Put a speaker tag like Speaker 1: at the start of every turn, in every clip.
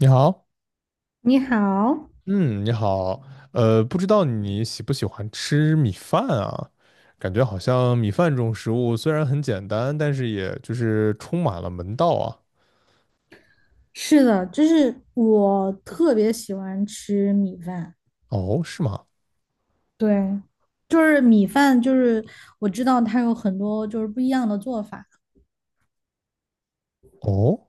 Speaker 1: 你好，
Speaker 2: 你好，
Speaker 1: 嗯，你好，不知道你喜不喜欢吃米饭啊？感觉好像米饭这种食物虽然很简单，但是也就是充满了门道啊。
Speaker 2: 是的，就是我特别喜欢吃米饭，
Speaker 1: 哦，是吗？
Speaker 2: 对，就是米饭，就是我知道它有很多就是不一样的做法，
Speaker 1: 哦，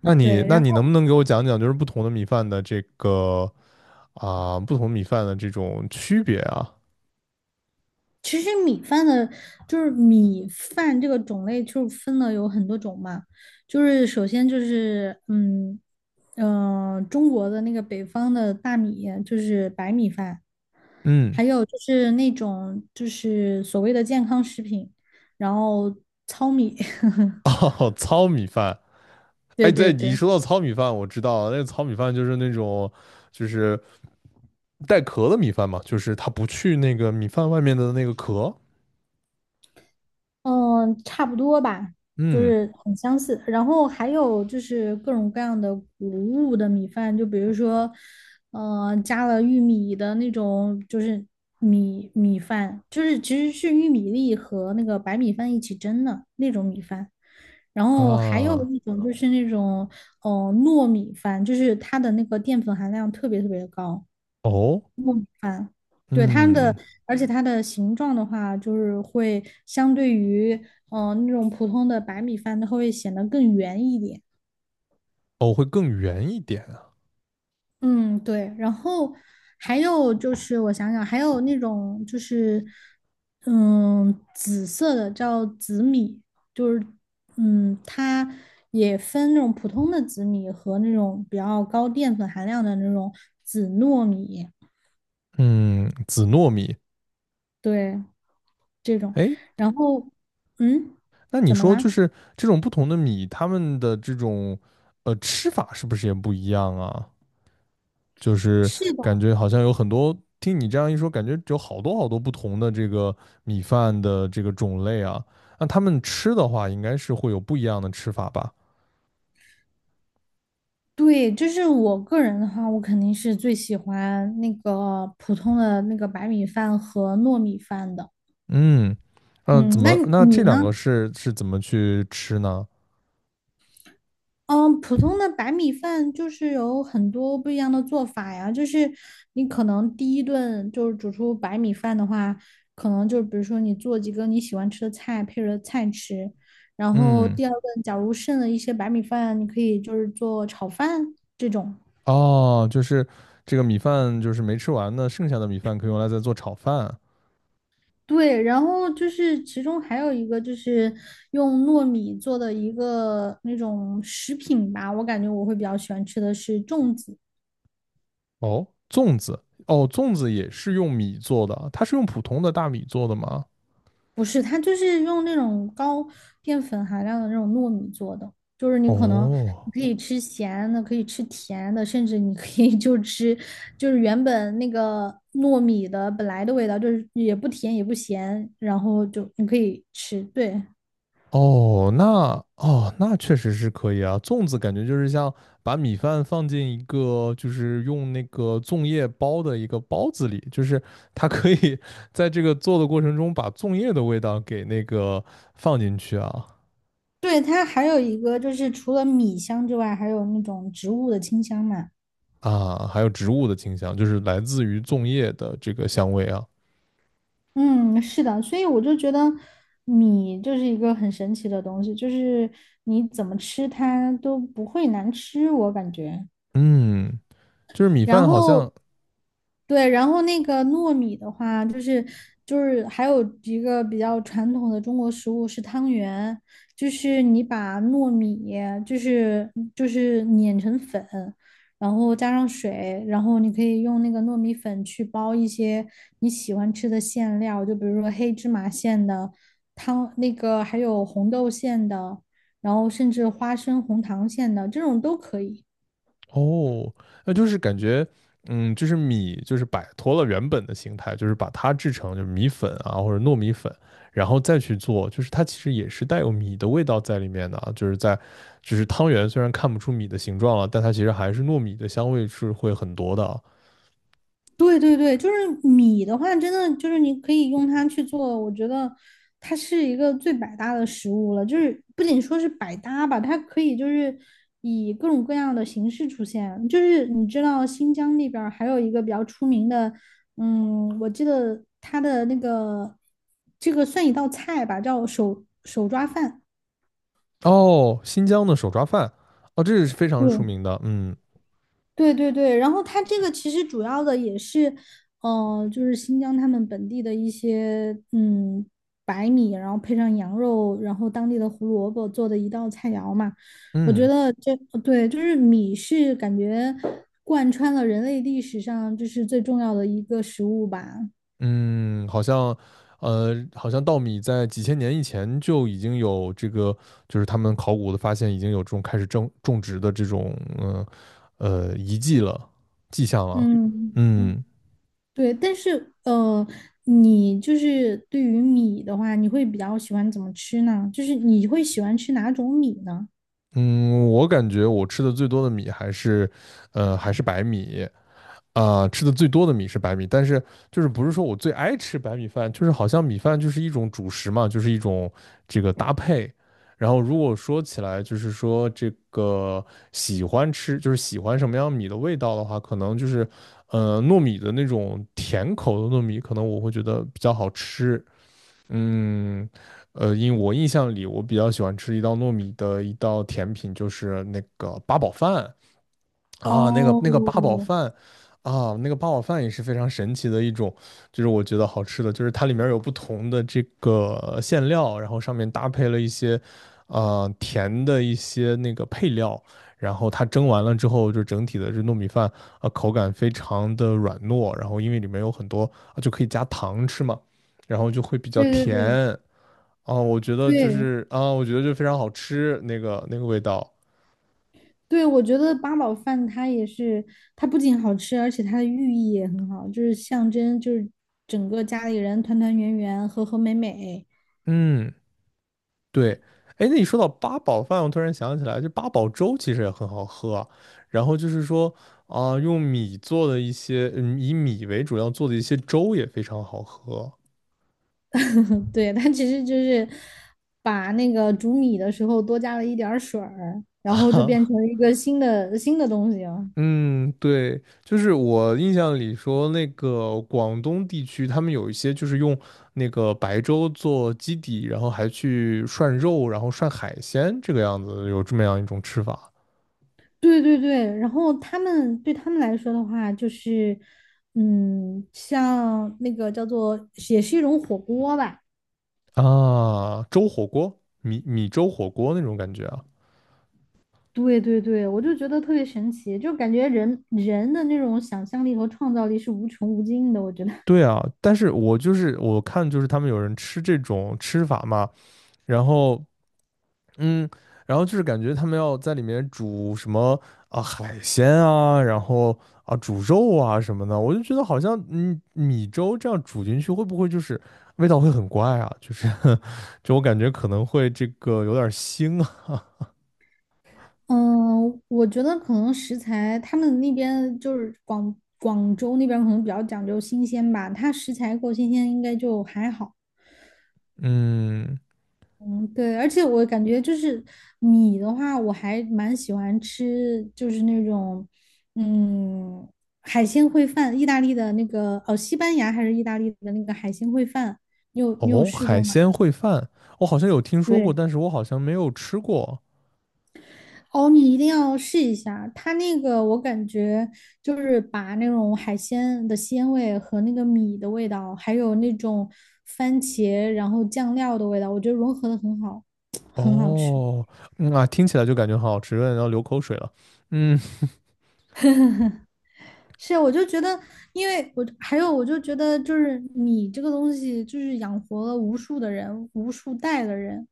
Speaker 1: 那你
Speaker 2: 对，
Speaker 1: 那
Speaker 2: 然
Speaker 1: 你
Speaker 2: 后。
Speaker 1: 能不能给我讲讲，就是不同的米饭的这个啊，不同米饭的这种区别啊？
Speaker 2: 其实米饭的，就是米饭这个种类，就是分了有很多种嘛。就是首先就是，中国的那个北方的大米，就是白米饭，
Speaker 1: 嗯，
Speaker 2: 还有就是那种就是所谓的健康食品，然后糙米，
Speaker 1: 哦，糙米饭，
Speaker 2: 对
Speaker 1: 哎，
Speaker 2: 对
Speaker 1: 对，你一
Speaker 2: 对。
Speaker 1: 说到糙米饭，我知道了那个糙米饭就是那种就是。带壳的米饭嘛，就是它不去那个米饭外面的那个壳。
Speaker 2: 嗯，差不多吧，就
Speaker 1: 嗯。
Speaker 2: 是很相似。然后还有就是各种各样的谷物的米饭，就比如说，加了玉米的那种，就是米饭，就是其实是玉米粒和那个白米饭一起蒸的那种米饭。然后还有
Speaker 1: 啊。
Speaker 2: 一种就是那种，糯米饭，就是它的那个淀粉含量特别特别的高。
Speaker 1: 哦。
Speaker 2: 啊，对它的，
Speaker 1: 嗯。
Speaker 2: 而且它的形状的话，就是会相对于那种普通的白米饭，它会显得更圆一点。
Speaker 1: 哦，会更圆一点啊。
Speaker 2: 嗯，对。然后还有就是我想想，还有那种就是紫色的叫紫米，就是它也分那种普通的紫米和那种比较高淀粉含量的那种紫糯米，
Speaker 1: 嗯，紫糯米。
Speaker 2: 对这种。
Speaker 1: 哎，
Speaker 2: 然后嗯，
Speaker 1: 那你
Speaker 2: 怎么
Speaker 1: 说
Speaker 2: 啦？
Speaker 1: 就是这种不同的米，它们的这种吃法是不是也不一样啊？就是
Speaker 2: 是的，
Speaker 1: 感觉好像有很多，听你这样一说，感觉有好多好多不同的这个米饭的这个种类啊。那他们吃的话，应该是会有不一样的吃法吧？
Speaker 2: 对，就是我个人的话，我肯定是最喜欢那个普通的那个白米饭和糯米饭的。
Speaker 1: 嗯嗯，
Speaker 2: 嗯，
Speaker 1: 怎
Speaker 2: 那
Speaker 1: 么？
Speaker 2: 你
Speaker 1: 那这
Speaker 2: 你
Speaker 1: 两个
Speaker 2: 呢？
Speaker 1: 是怎么去吃呢？
Speaker 2: 嗯，普通的白米饭就是有很多不一样的做法呀，就是你可能第一顿就是煮出白米饭的话，可能就比如说你做几个你喜欢吃的菜配着菜吃，然后
Speaker 1: 嗯，
Speaker 2: 第二顿假如剩了一些白米饭，你可以就是做炒饭这种。
Speaker 1: 哦，就是这个米饭就是没吃完呢，剩下的米饭可以用来再做炒饭。
Speaker 2: 对，然后就是其中还有一个就是用糯米做的一个那种食品吧，我感觉我会比较喜欢吃的是粽子，
Speaker 1: 哦，粽子，哦，粽子也是用米做的，它是用普通的大米做的吗？
Speaker 2: 不是，它就是用那种高淀粉含量的那种糯米做的，就是你可能
Speaker 1: 哦，
Speaker 2: 你可以吃咸的，可以吃甜的，甚至你可以就吃就是原本那个糯米的本来的味道，就是也不甜也不咸，然后就你可以吃，对。
Speaker 1: 哦，那哦，那确实是可以啊。粽子感觉就是像把米饭放进一个，就是用那个粽叶包的一个包子里，就是它可以 在这个做的过程中把粽叶的味道给那个放进去啊。
Speaker 2: 对，它还有一个就是除了米香之外，还有那种植物的清香嘛。
Speaker 1: 啊，还有植物的清香，就是来自于粽叶的这个香味啊。
Speaker 2: 嗯，是的，所以我就觉得米就是一个很神奇的东西，就是你怎么吃它都不会难吃，我感觉。
Speaker 1: 嗯，就是米
Speaker 2: 然
Speaker 1: 饭好像。
Speaker 2: 后对，然后那个糯米的话，就是还有一个比较传统的中国食物是汤圆，就是你把糯米就是碾成粉，然后加上水，然后你可以用那个糯米粉去包一些你喜欢吃的馅料，就比如说黑芝麻馅的汤，那个还有红豆馅的，然后甚至花生红糖馅的这种都可以。
Speaker 1: 哦，那就是感觉，嗯，就是米就是摆脱了原本的形态，就是把它制成就是米粉啊或者糯米粉，然后再去做，就是它其实也是带有米的味道在里面的啊，就是在，就是汤圆虽然看不出米的形状了，但它其实还是糯米的香味是会很多的啊。
Speaker 2: 对对对，就是米的话，真的就是你可以用它去做，我觉得它是一个最百搭的食物了。就是不仅说是百搭吧，它可以就是以各种各样的形式出现。就是你知道新疆那边儿还有一个比较出名的，我记得它的那个这个算一道菜吧，叫手抓饭。
Speaker 1: 哦，新疆的手抓饭，哦，这是非常出
Speaker 2: 对
Speaker 1: 名的，嗯
Speaker 2: 对对对，然后它这个其实主要的也是，就是新疆他们本地的一些白米，然后配上羊肉，然后当地的胡萝卜做的一道菜肴嘛。我觉
Speaker 1: 嗯。
Speaker 2: 得这对，就是米是感觉贯穿了人类历史上就是最重要的一个食物吧。
Speaker 1: 嗯，好像，好像稻米在几千年以前就已经有这个，就是他们考古的发现已经有这种开始种植的这种，遗迹了，迹象了。
Speaker 2: 嗯嗯，
Speaker 1: 嗯
Speaker 2: 对，但是你就是对于米的话，你会比较喜欢怎么吃呢？就是你会喜欢吃哪种米呢？
Speaker 1: 嗯，我感觉我吃的最多的米还是，还是白米。啊、吃的最多的米是白米，但是就是不是说我最爱吃白米饭，就是好像米饭就是一种主食嘛，就是一种这个搭配。然后如果说起来，就是说这个喜欢吃，就是喜欢什么样米的味道的话，可能就是糯米的那种甜口的糯米，可能我会觉得比较好吃。嗯，因为我印象里我比较喜欢吃一道糯米的一道甜品，就是那个八宝饭。啊，那个
Speaker 2: 哦，
Speaker 1: 那个八宝饭啊，那个八宝饭也是非常神奇的一种，就是我觉得好吃的，就是它里面有不同的这个馅料，然后上面搭配了一些，甜的一些那个配料，然后它蒸完了之后，就整体的这糯米饭啊，口感非常的软糯，然后因为里面有很多啊，就可以加糖吃嘛，然后就会比较
Speaker 2: 对对对
Speaker 1: 甜啊，我觉得就
Speaker 2: 对
Speaker 1: 是啊，我觉得就非常好吃，那个那个味道，
Speaker 2: 对，我觉得八宝饭它也是，它不仅好吃，而且它的寓意也很好，就是象征就是整个家里人团团圆圆、和和美美。
Speaker 1: 嗯。对，哎，那你说到八宝饭，我突然想起来，就八宝粥其实也很好喝啊。然后就是说啊、用米做的一些，嗯，以米为主要做的一些粥也非常好喝。
Speaker 2: 对，它其实就是把那个煮米的时候多加了一点儿水儿，然后就变成了 一个新的东西了。
Speaker 1: 嗯，对，就是我印象里说，那个广东地区他们有一些就是用那个白粥做基底，然后还去涮肉，然后涮海鲜，这个样子有这么样一种吃法
Speaker 2: 对对对，然后对他们来说的话，就是，像那个叫做，也是一种火锅吧，
Speaker 1: 啊，粥火锅，米粥火锅那种感觉啊。
Speaker 2: 对对对，我就觉得特别神奇，就感觉人人的那种想象力和创造力是无穷无尽的。我觉得，
Speaker 1: 对啊，但是我就是我看就是他们有人吃这种吃法嘛，然后嗯，然后就是感觉他们要在里面煮什么啊海鲜啊，然后啊煮肉啊什么的，我就觉得好像米粥这样煮进去会不会就是味道会很怪啊？就是 就我感觉可能会这个有点腥啊。
Speaker 2: 嗯，我觉得可能食材他们那边就是广州那边可能比较讲究新鲜吧，它食材够新鲜应该就还好。
Speaker 1: 嗯，
Speaker 2: 嗯，对，而且我感觉就是米的话，我还蛮喜欢吃，就是那种嗯海鲜烩饭，意大利的那个哦，西班牙还是意大利的那个海鲜烩饭，你有
Speaker 1: 哦，
Speaker 2: 试
Speaker 1: 海
Speaker 2: 过吗？
Speaker 1: 鲜烩饭我好像有听说过，
Speaker 2: 对。
Speaker 1: 但是我好像没有吃过。
Speaker 2: 哦，你一定要试一下，它那个我感觉就是把那种海鲜的鲜味和那个米的味道，还有那种番茄然后酱料的味道，我觉得融合的很好，很好吃。
Speaker 1: 哦，嗯啊，听起来就感觉很好吃，有点要流口水了。嗯
Speaker 2: 是啊，我就觉得，因为我还有，我就觉得，就是米这个东西，就是养活了无数的人，无数代的人，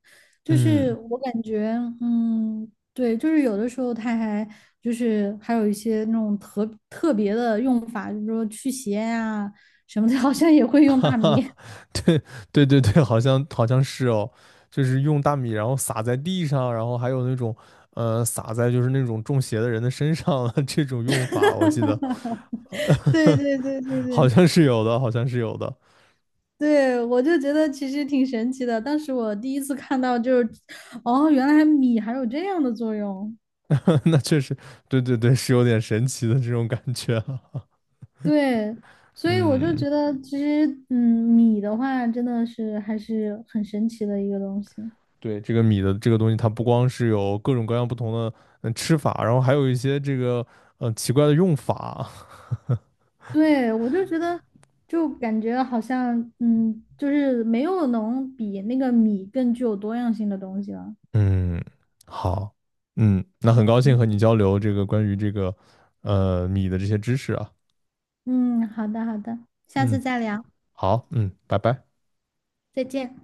Speaker 2: 就是
Speaker 1: 嗯，
Speaker 2: 我感觉，嗯，对，就是有的时候它还就是还有一些那种特别的用法，就是说驱邪呀、什么的，好像也会 用
Speaker 1: 哈
Speaker 2: 大米。
Speaker 1: 哈，对对对对，好像好像是哦，就是用大米然后撒在地上，然后还有那种撒在就是那种中邪的人的身上的 这种用法，我记得
Speaker 2: 对对对对
Speaker 1: 好
Speaker 2: 对
Speaker 1: 像是有的，好像是有的。
Speaker 2: 对，我就觉得其实挺神奇的。当时我第一次看到，就是哦，原来米还有这样的作用。
Speaker 1: 那确实，对对对，是有点神奇的这种感觉了。
Speaker 2: 对，所以我就
Speaker 1: 嗯
Speaker 2: 觉得，其实，米的话真的是还是很神奇的一个东西。
Speaker 1: 对，这个米的这个东西，它不光是有各种各样不同的吃法，然后还有一些这个奇怪的用法。
Speaker 2: 对，我就觉得，就感觉好像，就是没有能比那个米更具有多样性的东西了。
Speaker 1: 嗯，好，嗯，那很高兴和你交流这个关于这个米的这些知识啊。
Speaker 2: 嗯，好的，好的，下
Speaker 1: 嗯，
Speaker 2: 次再聊，
Speaker 1: 好，嗯，拜拜。
Speaker 2: 再见。